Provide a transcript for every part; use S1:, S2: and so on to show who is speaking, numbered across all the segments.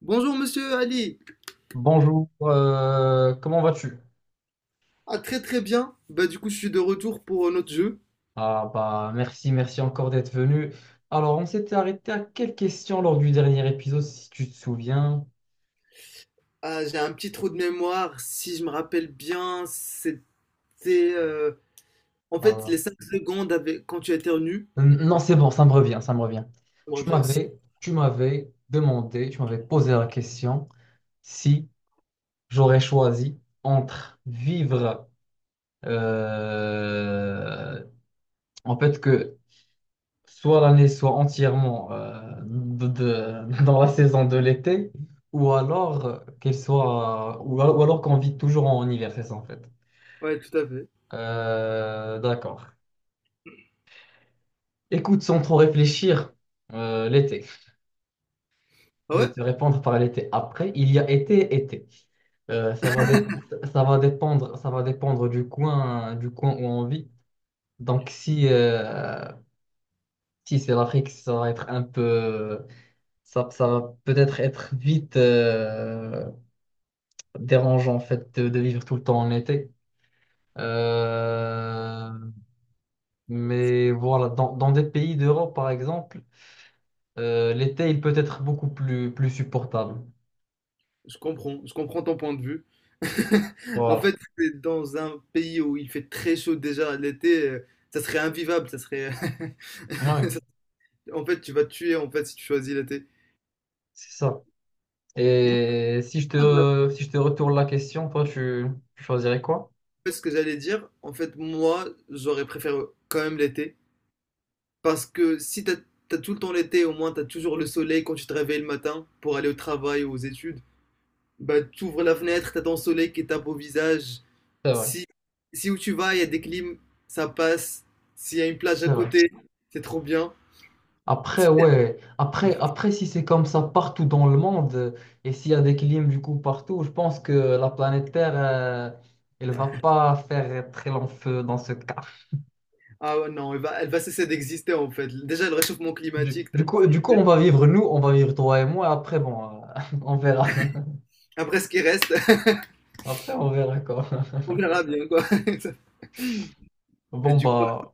S1: Bonjour monsieur Ali.
S2: Bonjour, comment vas-tu?
S1: Ah très très bien. Bah du coup je suis de retour pour notre jeu.
S2: Ah bah merci, merci encore d'être venu. Alors on s'était arrêté à quelle question lors du dernier épisode, si tu te souviens?
S1: Ah j'ai un petit trou de mémoire. Si je me rappelle bien, c'était euh, en
S2: Ah,
S1: fait les
S2: voilà.
S1: 5 secondes avec quand tu as éternues.
S2: Non, c'est bon, ça me revient, ça me revient.
S1: On revient aussi.
S2: Tu m'avais demandé, tu m'avais posé la question si j'aurais choisi entre vivre, euh, en fait que soit l'année soit entièrement, dans la saison de l'été, ou alors, qu'elle soit, ou alors qu'on vit toujours en hiver, c'est ça en fait.
S1: Ouais, tout à fait.
S2: D'accord. Écoute, sans trop réfléchir, l'été.
S1: Ah
S2: Je vais
S1: ouais?
S2: te répondre par l'été. Après, il y a été, été. Euh, ça va dé- Ça va dépendre, ça va dépendre du coin où on vit. Donc si c'est l'Afrique, ça va être un peu, ça va peut-être être vite, dérangeant en fait de vivre tout le temps en été. Euh, mais voilà, dans des pays d'Europe par exemple, l'été il peut être beaucoup plus, plus supportable.
S1: Je comprends. Je comprends ton point de vue. En
S2: Voilà,
S1: fait, c'est dans un pays où il fait très chaud déjà l'été, ça serait invivable, ça serait...
S2: ouais,
S1: En fait, tu vas te tuer en fait si tu choisis l'été.
S2: c'est ça. Et
S1: Moi,
S2: si je te retourne la question, toi tu choisirais quoi?
S1: fait, ce que j'allais dire, en fait, moi, j'aurais préféré quand même l'été. Parce que si t'as tout le temps l'été, au moins t'as toujours le soleil quand tu te réveilles le matin pour aller au travail ou aux études. Bah, t'ouvres la fenêtre, t'as ton soleil qui tape au visage.
S2: C'est vrai,
S1: Si, si où tu vas, il y a des clims, ça passe. S'il y a une plage à
S2: c'est vrai.
S1: côté, c'est trop bien.
S2: Après,
S1: Si-
S2: ouais, après si c'est comme ça partout dans le monde et s'il y a des clims du coup partout, je pense que la planète Terre, elle va pas faire très long feu dans ce cas.
S1: Ah ouais, non, elle va cesser d'exister en fait. Déjà, le réchauffement climatique,
S2: Du coup, on va vivre nous, on va vivre toi et moi. Après, bon, on verra.
S1: après ce qui reste,
S2: Après, on verra quoi.
S1: on verra bien quoi. Et
S2: Bon,
S1: du coup,
S2: bah,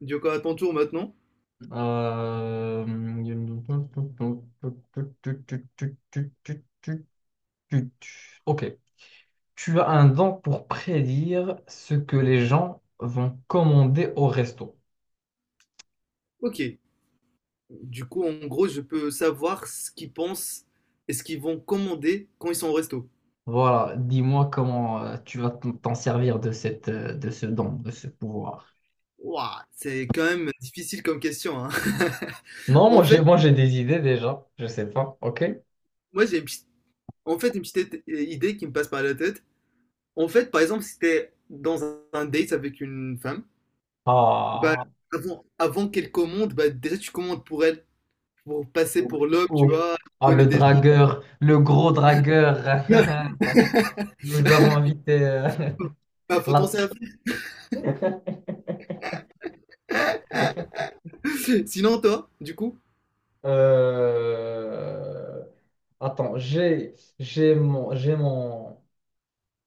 S1: du coup, à ton tour maintenant.
S2: euh, ok. Tu as un don pour prédire ce que les gens vont commander au resto.
S1: Ok. Du coup, en gros, je peux savoir ce qu'ils pensent et ce qu'ils vont commander quand ils sont au resto.
S2: Voilà. Dis-moi comment, tu vas t'en servir de de ce don, de ce pouvoir.
S1: Ouah, c'est quand même difficile comme question, hein.
S2: Non,
S1: En fait,
S2: moi j'ai des idées déjà. Je sais pas. Ok.
S1: moi j'ai une petite, en fait, une petite idée qui me passe par la tête. En fait, par exemple, si t'es dans un date avec une femme, bah,
S2: Ah.
S1: avant qu'elle commande, bah, déjà tu commandes pour elle, pour passer
S2: Ouf,
S1: pour l'homme, tu
S2: ouf.
S1: vois, tu
S2: Ah,
S1: connais
S2: le
S1: déjà.
S2: dragueur, le gros dragueur. Nous avons invité,
S1: Bah, faut t'en
S2: la-
S1: servir. Sinon, toi, du coup,
S2: euh, attends, j'ai j'ai mon j'ai mon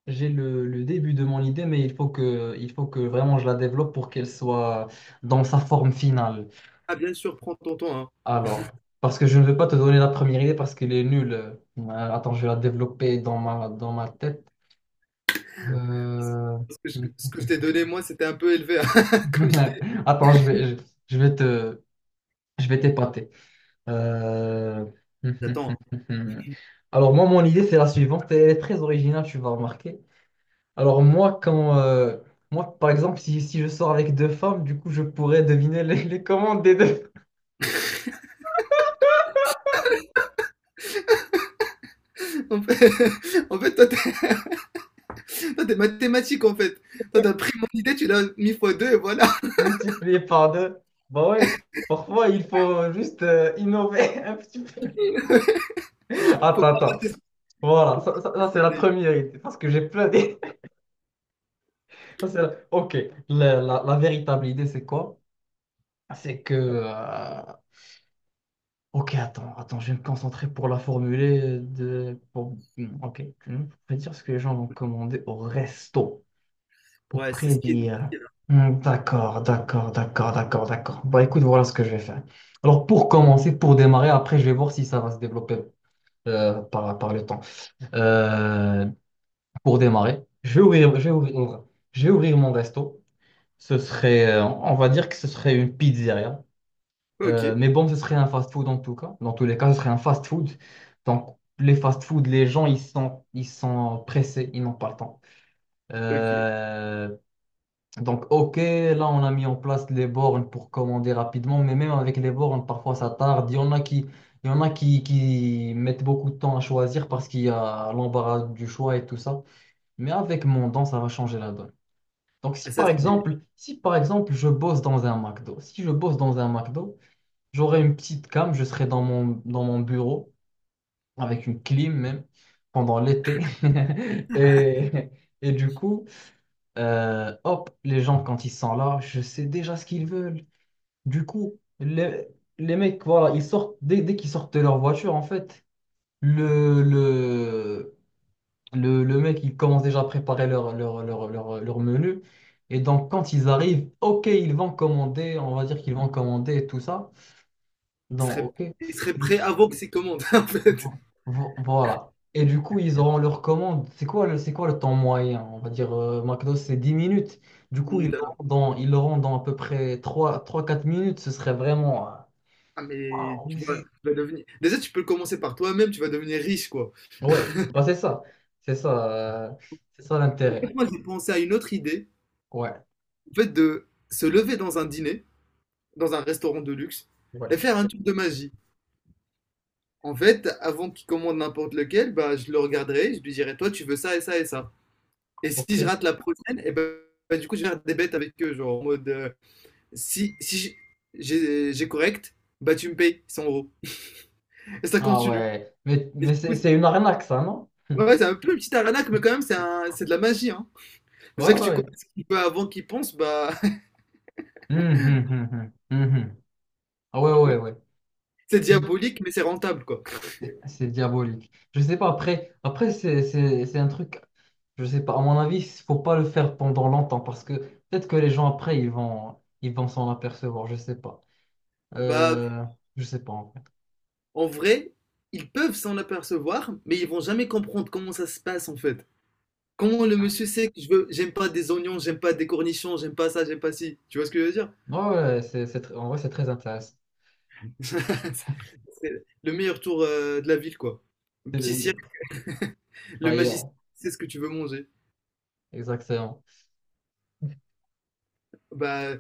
S2: j'ai le, le début de mon idée, mais il faut que vraiment je la développe pour qu'elle soit dans sa forme finale.
S1: ah, bien sûr, prends ton temps, hein.
S2: Alors, parce que je ne vais pas te donner la première idée parce qu'elle est nulle. Attends, je vais la développer dans ma tête. Euh,
S1: Ce que je t'ai donné, moi, c'était un peu élevé comme idée.
S2: Attends, je vais te je vais t'épater. Euh,
S1: J'attends.
S2: Alors moi, mon idée, c'est la suivante. Elle est très originale, tu vas remarquer. Alors moi, moi, par exemple, si je sors avec deux femmes, du coup, je pourrais deviner les commandes des deux,
S1: En fait, en fait, toi, t'es mathématique, en fait. Toi, t'as pris mon idée, tu l'as mis fois deux, et voilà.
S2: multipliées par deux. Bah ouais, parfois, il faut juste, innover un petit peu.
S1: Faut
S2: Attends,
S1: pas-
S2: attends. Voilà,
S1: faut pas-
S2: ça, c'est la première idée. Parce que j'ai plein d'idées. Ok. La véritable idée, c'est quoi? C'est que... euh, Ok, attends, attends, je vais me concentrer pour la formuler ok, tu veux prédire ce que les gens vont commander au resto pour
S1: ouais, c'est ce qui est
S2: prédire.
S1: difficile, hein.
S2: Hmm. D'accord, d'accord, d'accord, d'accord, d'accord. Bah, écoute, voilà ce que je vais faire. Alors pour commencer, pour démarrer, après je vais voir si ça va se développer, par le temps. Euh, pour démarrer, je vais ouvrir mon resto. Ce serait, on va dire que ce serait une pizzeria.
S1: Ok,
S2: Mais bon, ce serait un fast-food en tout cas. Dans tous les cas, ce serait un fast-food. Donc, les fast-food, les gens, ils sont pressés, ils n'ont pas le temps.
S1: ok.
S2: Euh, donc, ok, là, on a mis en place les bornes pour commander rapidement, mais même avec les bornes, parfois ça tarde. Il y en a qui, il y en a qui mettent beaucoup de temps à choisir parce qu'il y a l'embarras du choix et tout ça. Mais avec mon don, ça va changer la donne. Donc,
S1: Ah, ça, c'est...
S2: si par exemple, je bosse dans un McDo, si je bosse dans un McDo, j'aurais une petite cam, je serais dans dans mon bureau, avec une clim même, pendant l'été. Et, et du coup, hop, les gens, quand ils sont là, je sais déjà ce qu'ils veulent. Du coup, les mecs, voilà, ils sortent, dès qu'ils sortent de leur voiture, en fait, le, le, le mec, il commence déjà à préparer leur menu. Et donc, quand ils arrivent, ok, ils vont commander, on va dire qu'ils vont commander et tout ça.
S1: Il
S2: Donc,
S1: serait...
S2: ok.
S1: il serait prêt avant que c'est commande, en fait.
S2: Vo- Voilà. Et du coup, ils auront leur commande. C'est quoi le temps moyen? On va dire, McDo, c'est 10 minutes. Du
S1: 10
S2: coup,
S1: minutes à l'heure.
S2: ils l'auront dans à peu près trois quatre minutes. Ce serait vraiment.
S1: Ah, mais
S2: Waouh, mais
S1: tu vas, tu
S2: c'est.
S1: vas devenir... Déjà, tu peux commencer par toi-même, tu vas devenir riche, quoi.
S2: Ouais, bah, c'est ça. C'est ça, euh, c'est ça
S1: En
S2: l'intérêt.
S1: fait, moi, j'ai pensé à une autre idée,
S2: Ouais,
S1: en fait, de se lever dans un dîner, dans un restaurant de luxe, et
S2: ouais.
S1: faire un tour de magie. En fait, avant qu'il commande n'importe lequel, bah, je le regarderai, je lui dirai, toi, tu veux ça et ça et ça. Et si
S2: Ok.
S1: je rate la prochaine, et ben, bah, du coup, je vais faire des bêtes avec eux, genre en mode, si j'ai correct, bah tu me payes 100 euros. Et ça
S2: Ah
S1: continue.
S2: ouais.
S1: Et du
S2: Mais
S1: coup, c'est-
S2: c'est une arnaque, ça, non?
S1: ouais, c'est un peu une petite arnaque, mais quand même, c'est de la magie, hein.
S2: Ouais,
S1: Déjà que tu connais
S2: ouais.
S1: ce qu'il veut avant qu'il pense, bah,
S2: Hum, hum, hum, hum, hum, hum. Ah ouais,
S1: du coup,
S2: ouais, ouais.
S1: c'est diabolique, mais c'est rentable, quoi.
S2: C'est diabolique. Je sais pas, après c'est un truc, je sais pas, à mon avis, il faut pas le faire pendant longtemps parce que peut-être que les gens après, ils vont s'en apercevoir, je sais pas.
S1: Bah,
S2: Euh, je sais pas en vrai.
S1: en vrai, ils peuvent s'en apercevoir, mais ils vont jamais comprendre comment ça se passe, en fait. Comment le monsieur sait que je veux, j'aime pas des oignons, j'aime pas des cornichons, j'aime pas ça, j'aime pas ci. Tu vois ce que je veux dire?
S2: Ouais, ouais, c'est en vrai, c'est très intéressant.
S1: C'est le meilleur tour de la ville, quoi. Un
S2: C'est
S1: petit cirque,
S2: le-
S1: le
S2: Ça y est,
S1: magicien
S2: hein.
S1: sait ce que tu veux manger.
S2: Exactement.
S1: Bah,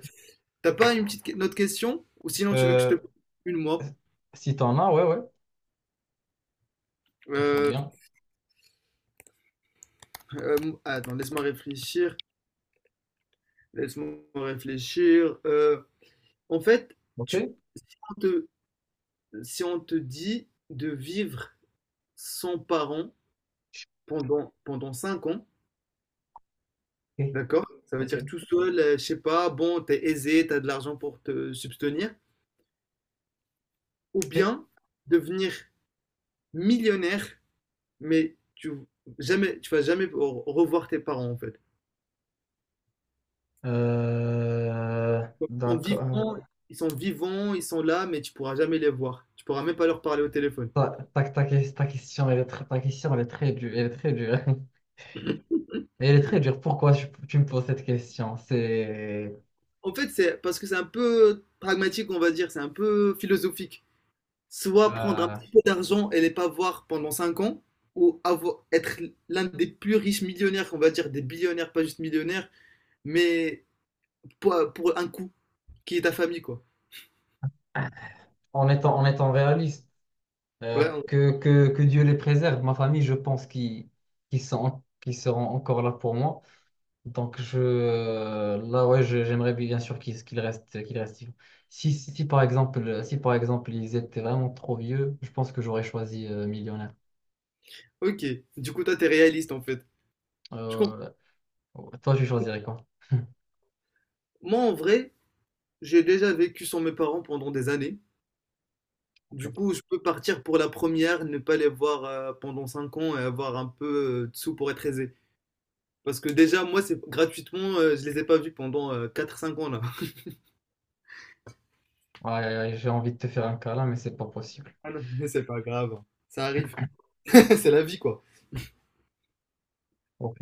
S1: t'as pas une autre question? Ou sinon, tu veux que je te
S2: Euh,
S1: pose une, moi?
S2: si t'en as, ouais, ouais, je veux
S1: Euh,
S2: bien.
S1: euh, attends, laisse-moi réfléchir. Laisse-moi réfléchir. En fait,
S2: Ok,
S1: tu, on te- si on te dit de vivre sans parents pendant 5 ans.
S2: ok,
S1: D'accord, ça veut
S2: ok.
S1: dire tout seul, je sais pas, bon, t'es aisé, t'as de l'argent pour te subvenir, ou
S2: Ok.
S1: bien devenir millionnaire, mais tu vas jamais revoir tes parents en fait. Ils sont
S2: D'accord.
S1: vivants, ils sont vivants, ils sont là, mais tu pourras jamais les voir. Tu pourras même pas leur parler au téléphone.
S2: Ta question, ta question, elle est très dure, elle est très dure. Mais elle est très dure. Pourquoi tu me poses cette question? C'est,
S1: En fait, c'est parce que c'est un peu pragmatique, on va dire, c'est un peu philosophique. Soit prendre un
S2: euh,
S1: petit peu d'argent et les pas voir pendant 5 ans, ou avoir, être l'un des plus riches millionnaires, on va dire des billionnaires, pas juste millionnaires mais pour un coup, qui est ta famille, quoi.
S2: en étant réaliste,
S1: Ouais,
S2: que Dieu les préserve. Ma famille, je pense qu'ils seront encore là pour moi. Donc là, ouais, j'aimerais bien sûr qu'ils restent vivants. Si par exemple ils étaient vraiment trop vieux, je pense que j'aurais choisi, millionnaire.
S1: ok. Du coup, toi, t'es réaliste, en fait. Je comprends.
S2: Euh, ouais. Toi, tu choisirais quoi?
S1: Moi, en vrai, j'ai déjà vécu sans mes parents pendant des années.
S2: Ok.
S1: Du coup, je peux partir pour la première, ne pas les voir pendant 5 ans et avoir un peu de sous pour être aisé. Parce que déjà, moi, c'est gratuitement, je les ai pas vus pendant 4 5 ans, là.
S2: Ouais, ouais, ouais, j'ai envie de te faire un câlin, mais c'est pas possible.
S1: Ah non, c'est pas grave, hein. Ça arrive. C'est la vie, quoi.
S2: Ok.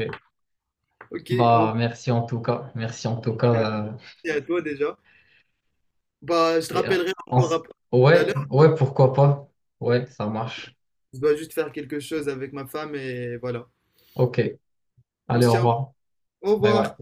S1: Ok, on...
S2: Bah, merci en tout cas. Merci en tout cas.
S1: Merci à toi déjà. Bah, je te
S2: Et, euh,
S1: rappellerai
S2: on
S1: encore
S2: s-
S1: après tout à
S2: ouais,
S1: l'heure.
S2: ouais, pourquoi pas. Ouais, ça marche.
S1: Je dois juste faire quelque chose avec ma femme et voilà.
S2: Ok.
S1: On
S2: Allez,
S1: se
S2: au
S1: tient au
S2: revoir.
S1: Au
S2: Bye bye.
S1: revoir.